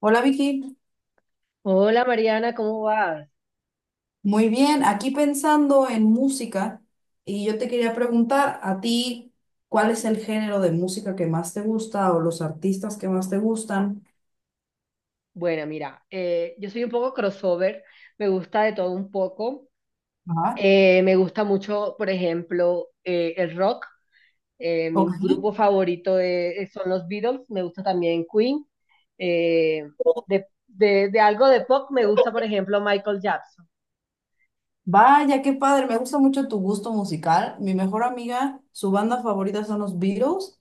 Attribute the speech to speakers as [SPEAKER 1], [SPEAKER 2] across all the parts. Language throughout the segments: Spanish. [SPEAKER 1] Hola Vicky,
[SPEAKER 2] Hola Mariana, ¿cómo vas?
[SPEAKER 1] muy bien. Aquí pensando en música y yo te quería preguntar a ti, ¿cuál es el género de música que más te gusta o los artistas que más te gustan?
[SPEAKER 2] Bueno, mira, yo soy un poco crossover, me gusta de todo un poco.
[SPEAKER 1] Ajá.
[SPEAKER 2] Me gusta mucho, por ejemplo, el rock. Mi
[SPEAKER 1] Ok.
[SPEAKER 2] grupo favorito son los Beatles, me gusta también Queen. Eh, de algo de pop me gusta, por ejemplo, Michael Jackson.
[SPEAKER 1] Vaya, qué padre, me gusta mucho tu gusto musical. Mi mejor amiga, su banda favorita son los Beatles.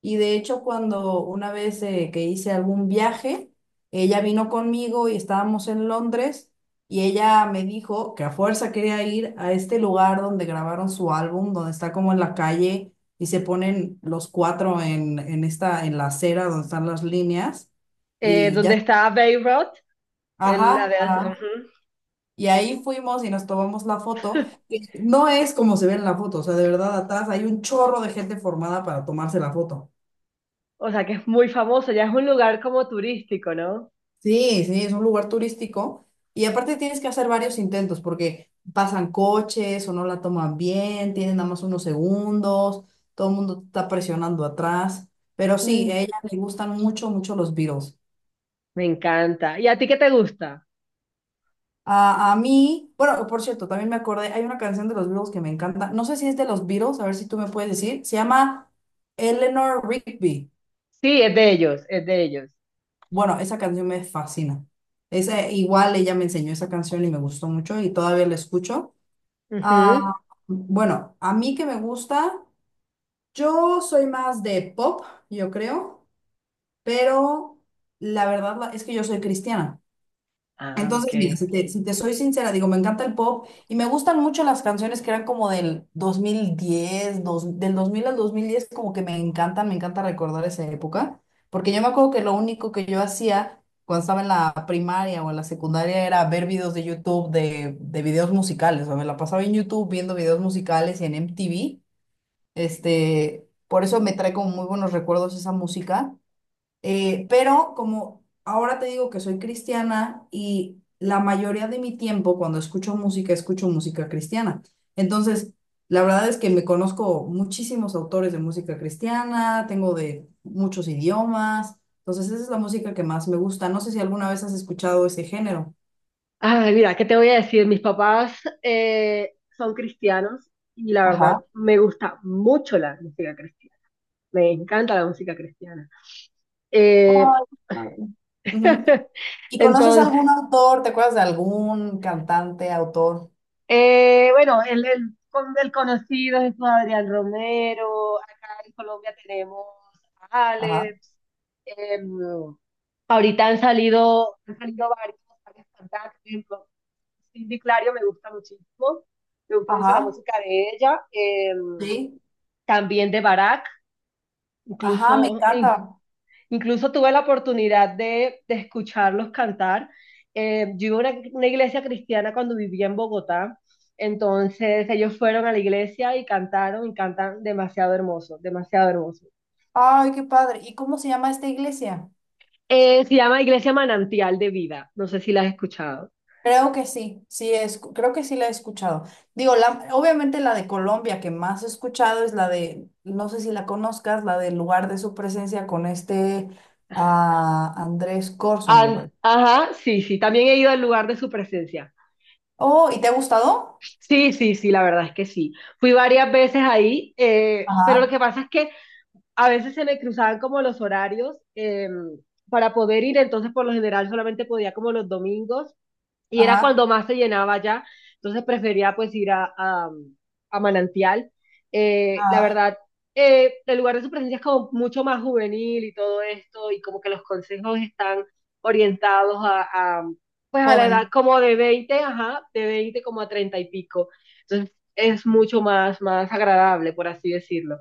[SPEAKER 1] Y de hecho, cuando una vez que hice algún viaje, ella vino conmigo y estábamos en Londres y ella me dijo que a fuerza quería ir a este lugar donde grabaron su álbum, donde está como en la calle y se ponen los cuatro en esta, en la acera donde están las líneas. Y
[SPEAKER 2] Donde
[SPEAKER 1] ya,
[SPEAKER 2] está Bay Road,
[SPEAKER 1] ajá, ajá.
[SPEAKER 2] ujú.
[SPEAKER 1] Y ahí fuimos y nos tomamos la foto. No es como se ve en la foto, o sea, de verdad atrás hay un chorro de gente formada para tomarse la foto.
[SPEAKER 2] O sea, que es muy famoso, ya es un lugar como turístico, ¿no?
[SPEAKER 1] Sí, sí, es un lugar turístico y aparte tienes que hacer varios intentos porque pasan coches o no la toman bien, tienen nada más unos segundos, todo el mundo te está presionando atrás, pero sí,
[SPEAKER 2] Mm,
[SPEAKER 1] a ella le gustan mucho, mucho los Beatles.
[SPEAKER 2] me encanta. ¿Y a ti qué te gusta?
[SPEAKER 1] A mí, bueno, por cierto, también me acordé, hay una canción de los Beatles que me encanta, no sé si es de los Beatles, a ver si tú me puedes decir, se llama Eleanor Rigby.
[SPEAKER 2] Sí, es de ellos, es de ellos.
[SPEAKER 1] Bueno, esa canción me fascina. Esa, igual ella me enseñó esa canción y me gustó mucho y todavía la escucho. Ah,
[SPEAKER 2] Ujú.
[SPEAKER 1] bueno, a mí que me gusta, yo soy más de pop, yo creo, pero es que yo soy cristiana.
[SPEAKER 2] Ah,
[SPEAKER 1] Entonces,
[SPEAKER 2] ok.
[SPEAKER 1] mira, si te soy sincera, digo, me encanta el pop y me gustan mucho las canciones que eran como del 2010, del 2000 al 2010, como que me encantan, me encanta recordar esa época, porque yo me acuerdo que lo único que yo hacía cuando estaba en la primaria o en la secundaria era ver videos de YouTube de videos musicales, o sea, me la pasaba en YouTube viendo videos musicales y en MTV, por eso me trae como muy buenos recuerdos esa música. Pero como ahora te digo que soy cristiana y la mayoría de mi tiempo cuando escucho música cristiana. Entonces, la verdad es que me conozco muchísimos autores de música cristiana, tengo de muchos idiomas. Entonces, esa es la música que más me gusta. No sé si alguna vez has escuchado ese género.
[SPEAKER 2] Ay, mira, ¿qué te voy a decir? Mis papás son cristianos y la verdad
[SPEAKER 1] Ajá.
[SPEAKER 2] me gusta mucho la música cristiana. Me encanta la música cristiana. Eh,
[SPEAKER 1] Ay, madre. Ujú. ¿Y conoces
[SPEAKER 2] entonces,
[SPEAKER 1] algún autor? ¿Te acuerdas de algún cantante, autor?
[SPEAKER 2] bueno, el conocido es Adrián Romero. Acá en Colombia tenemos a
[SPEAKER 1] Ajá,
[SPEAKER 2] Alex. em, Ahorita han salido, varios cantantes. Cindy Clario me gusta muchísimo, me gusta mucho la
[SPEAKER 1] ajá.
[SPEAKER 2] música de ella,
[SPEAKER 1] Sí.
[SPEAKER 2] también de Barack,
[SPEAKER 1] Ajá, me
[SPEAKER 2] incluso,
[SPEAKER 1] encanta.
[SPEAKER 2] incluso tuve la oportunidad de escucharlos cantar. Yo iba a una iglesia cristiana cuando vivía en Bogotá, entonces ellos fueron a la iglesia y cantaron y cantan demasiado hermoso, demasiado hermoso.
[SPEAKER 1] Ay, qué padre. ¿Y cómo se llama esta iglesia?
[SPEAKER 2] Se llama Iglesia Manantial de Vida, no sé si la has escuchado.
[SPEAKER 1] Creo que sí, sí, es, creo que sí la he escuchado. Digo, la, obviamente la de Colombia que más he escuchado es la de, no sé si la conozcas, la del lugar de su presencia con este ah, Andrés Corson, me parece.
[SPEAKER 2] Ajá, sí, sí, también he ido al lugar de su presencia.
[SPEAKER 1] Oh, ¿y te ha gustado?
[SPEAKER 2] Sí, sí, sí, la verdad es que sí. Fui varias veces ahí, pero lo
[SPEAKER 1] Ajá,
[SPEAKER 2] que pasa es que a veces se me cruzaban como los horarios para poder ir, entonces por lo general solamente podía como los domingos y era
[SPEAKER 1] ajá,
[SPEAKER 2] cuando más se llenaba ya, entonces prefería pues ir a Manantial. La
[SPEAKER 1] ajá.
[SPEAKER 2] verdad, el lugar de su presencia es como mucho más juvenil y todo esto, y como que los consejos están orientados pues a la edad
[SPEAKER 1] Joven.
[SPEAKER 2] como de 20 ajá, de 20 como a 30 y pico. Entonces es mucho más, más agradable, por así decirlo.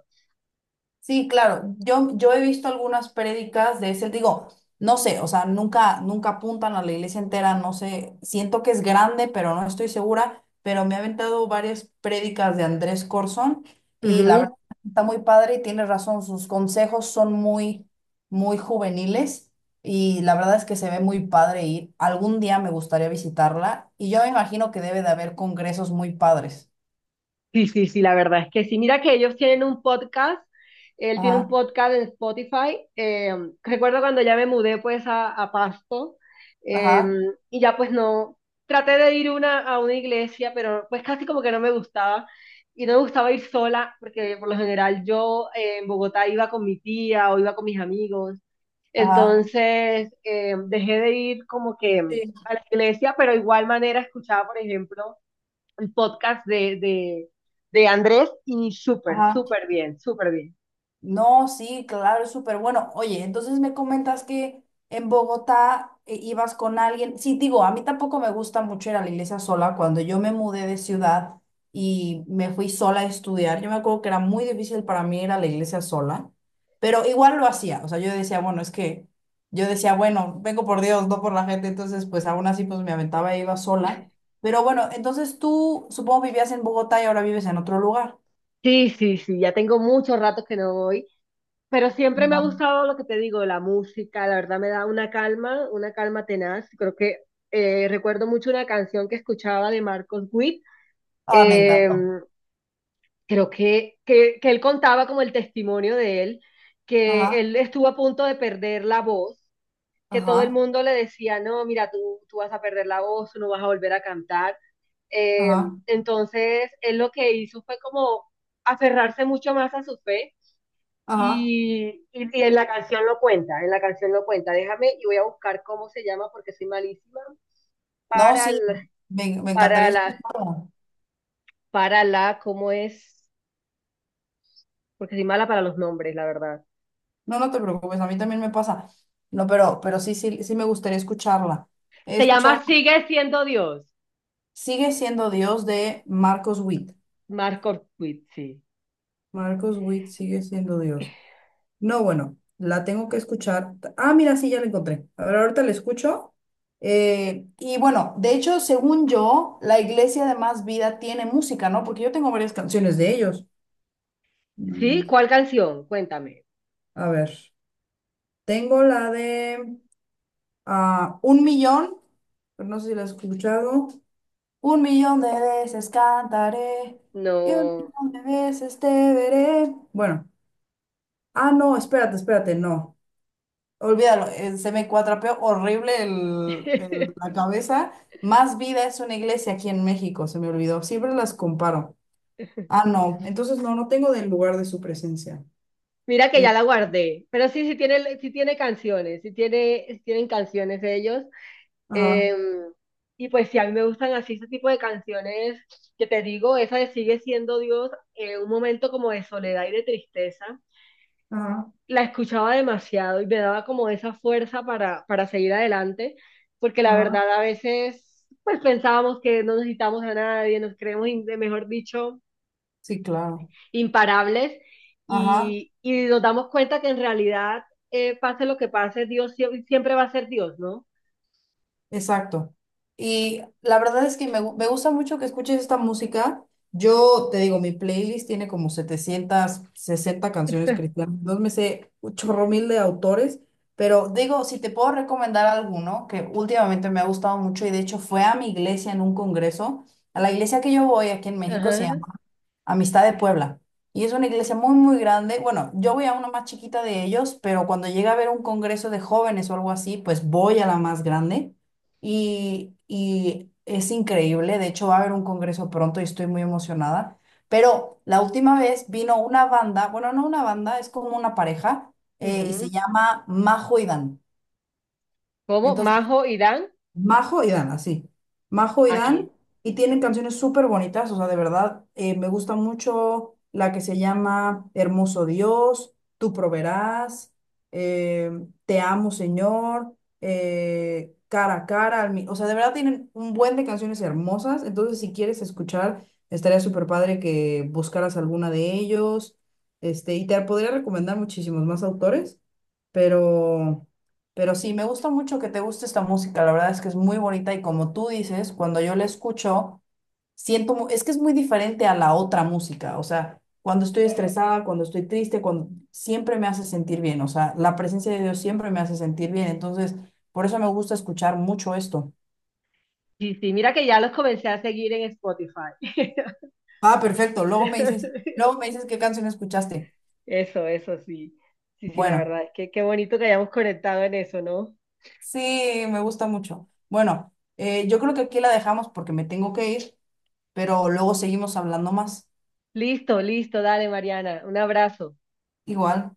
[SPEAKER 1] Sí, claro. Yo he visto algunas prédicas de ese, digo, no sé, o sea, nunca, nunca apuntan a la iglesia entera, no sé, siento que es grande, pero no estoy segura, pero me ha aventado varias prédicas de Andrés Corzón y la verdad
[SPEAKER 2] Ujú.
[SPEAKER 1] está muy padre y tiene razón, sus consejos son muy, muy juveniles y la verdad es que se ve muy padre ir. Algún día me gustaría visitarla y yo me imagino que debe de haber congresos muy padres.
[SPEAKER 2] Sí, sí, sí, la verdad es que sí. Mira que ellos tienen un podcast, él tiene un
[SPEAKER 1] Ajá,
[SPEAKER 2] podcast en Spotify. Recuerdo cuando ya me mudé pues a Pasto eh,
[SPEAKER 1] ajá,
[SPEAKER 2] y ya pues no, traté de ir una, a una iglesia, pero pues casi como que no me gustaba y no me gustaba ir sola porque por lo general yo en Bogotá iba con mi tía o iba con mis amigos.
[SPEAKER 1] ajá.
[SPEAKER 2] Entonces dejé de ir como que
[SPEAKER 1] Sí.
[SPEAKER 2] a la iglesia, pero de igual manera escuchaba, por ejemplo el podcast de Andrés y súper,
[SPEAKER 1] Ajá.
[SPEAKER 2] súper bien, súper bien.
[SPEAKER 1] No, sí, claro, es súper bueno. Oye, entonces me comentas que en Bogotá ibas con alguien. Sí, digo, a mí tampoco me gusta mucho ir a la iglesia sola. Cuando yo me mudé de ciudad y me fui sola a estudiar, yo me acuerdo que era muy difícil para mí ir a la iglesia sola, pero igual lo hacía. O sea, yo decía, bueno, vengo por Dios, no por la gente. Entonces, pues aún así, pues me aventaba e iba sola. Pero bueno, entonces tú supongo vivías en Bogotá y ahora vives en otro lugar.
[SPEAKER 2] Sí, sí, sí, ya tengo muchos ratos que no voy, pero siempre me ha
[SPEAKER 1] Ajá.
[SPEAKER 2] gustado lo que te digo, la música, la verdad me da una calma tenaz. Creo que recuerdo mucho una canción que escuchaba de Marcos Witt,
[SPEAKER 1] Ah, me
[SPEAKER 2] eh,
[SPEAKER 1] encantó.
[SPEAKER 2] creo que él contaba como el testimonio de él, que
[SPEAKER 1] Ajá.
[SPEAKER 2] él estuvo a punto de perder la voz, que todo el
[SPEAKER 1] Ajá,
[SPEAKER 2] mundo le decía, no, mira, tú vas a perder la voz, tú no vas a volver a cantar. Eh,
[SPEAKER 1] ajá,
[SPEAKER 2] entonces, él lo que hizo fue como aferrarse mucho más a su fe
[SPEAKER 1] ajá.
[SPEAKER 2] y en la canción lo cuenta, en la canción lo cuenta. Déjame y voy a buscar cómo se llama porque soy malísima
[SPEAKER 1] No,
[SPEAKER 2] para
[SPEAKER 1] sí,
[SPEAKER 2] la,
[SPEAKER 1] me
[SPEAKER 2] para
[SPEAKER 1] encantaría
[SPEAKER 2] la,
[SPEAKER 1] escucharla.
[SPEAKER 2] para la, ¿cómo es? Porque soy mala para los nombres, la verdad.
[SPEAKER 1] No, no te preocupes, a mí también me pasa. No, pero sí, sí, sí me gustaría escucharla. He
[SPEAKER 2] Se
[SPEAKER 1] escuchado,
[SPEAKER 2] llama Sigue siendo Dios.
[SPEAKER 1] sigue siendo Dios de Marcos Witt.
[SPEAKER 2] Marco Witt, sí.
[SPEAKER 1] Marcos Witt sigue siendo Dios. No, bueno, la tengo que escuchar. Ah, mira, sí, ya la encontré. A ver, ahorita la escucho. Y bueno, de hecho, según yo, la iglesia de Más Vida tiene música, ¿no? Porque yo tengo varias canciones de ellos.
[SPEAKER 2] ¿Sí?
[SPEAKER 1] Mm.
[SPEAKER 2] ¿Cuál canción? Cuéntame.
[SPEAKER 1] A ver. Tengo la de ah, un millón, pero no sé si la has escuchado. Un millón de veces cantaré y un
[SPEAKER 2] No.
[SPEAKER 1] millón de veces te veré. Bueno, ah, no, espérate, espérate, no. Olvídalo, se me cuatrapeó horrible el- el- la cabeza. Más vida es una iglesia aquí en México, se me olvidó. Siempre las comparo. Ah, no, entonces no, no tengo del lugar de su presencia.
[SPEAKER 2] Mira que
[SPEAKER 1] Eh,
[SPEAKER 2] ya la guardé, pero sí, sí tiene canciones, sí tiene, sí tienen canciones ellos.
[SPEAKER 1] Ajá,
[SPEAKER 2] Eh, y pues sí, a mí me gustan así ese tipo de canciones que te digo, esa de Sigue siendo Dios, un momento como de soledad y de tristeza.
[SPEAKER 1] ajá,
[SPEAKER 2] La escuchaba demasiado y me daba como esa fuerza para seguir adelante, porque la
[SPEAKER 1] ajá.
[SPEAKER 2] verdad a veces pues pensábamos que no necesitamos a nadie, nos creemos, mejor dicho,
[SPEAKER 1] Sí, claro.
[SPEAKER 2] imparables
[SPEAKER 1] Ajá.
[SPEAKER 2] nos damos cuenta que en realidad, pase lo que pase, Dios siempre va a ser Dios, ¿no?
[SPEAKER 1] Exacto. Y la verdad es que me gusta mucho que escuches esta música. Yo te digo, mi playlist tiene como 760 canciones cristianas. Entonces me sé un chorro mil de autores. Pero digo, si te puedo recomendar alguno que últimamente me ha gustado mucho y de hecho fue a mi iglesia en un congreso. A la iglesia que yo voy aquí en México se
[SPEAKER 2] Ajá,
[SPEAKER 1] llama Amistad de Puebla. Y es una iglesia muy, muy grande. Bueno, yo voy a una más chiquita de ellos, pero cuando llega a haber un congreso de jóvenes o algo así, pues voy a la más grande. Y es increíble. De hecho, va a haber un congreso pronto y estoy muy emocionada. Pero la última vez vino una banda, bueno, no una banda, es como una pareja, y se
[SPEAKER 2] ujú.
[SPEAKER 1] llama Majo y Dan.
[SPEAKER 2] ¿Cómo?
[SPEAKER 1] Entonces
[SPEAKER 2] Majo, Irán,
[SPEAKER 1] Majo y Dan, así. Majo y Dan,
[SPEAKER 2] aquí.
[SPEAKER 1] y tienen canciones súper bonitas, o sea, de verdad, me gusta mucho la que se llama Hermoso Dios, Tú proveerás, eh, Te amo Señor, Cara a Cara, o sea, de verdad tienen un buen de canciones hermosas, entonces si quieres escuchar, estaría súper padre que buscaras alguna de ellos, y te podría recomendar muchísimos más autores, pero, pero sí, me gusta mucho que te guste esta música, la verdad es que es muy bonita y como tú dices, cuando yo la escucho, es que es muy diferente a la otra música, o sea, cuando estoy estresada, cuando estoy triste, cuando, siempre me hace sentir bien, o sea, la presencia de Dios siempre me hace sentir bien, entonces, por eso me gusta escuchar mucho esto.
[SPEAKER 2] Sí, sí, mira que ya los comencé a seguir en Spotify.
[SPEAKER 1] Ah, perfecto, luego me dices qué canción escuchaste.
[SPEAKER 2] Eso sí. Sí, sí, la
[SPEAKER 1] Bueno,
[SPEAKER 2] verdad es que qué bonito que hayamos conectado en eso, ¿no?
[SPEAKER 1] sí, me gusta mucho. Bueno, yo creo que aquí la dejamos porque me tengo que ir, pero luego seguimos hablando más.
[SPEAKER 2] Listo, listo, dale, Mariana. Un abrazo.
[SPEAKER 1] Igual.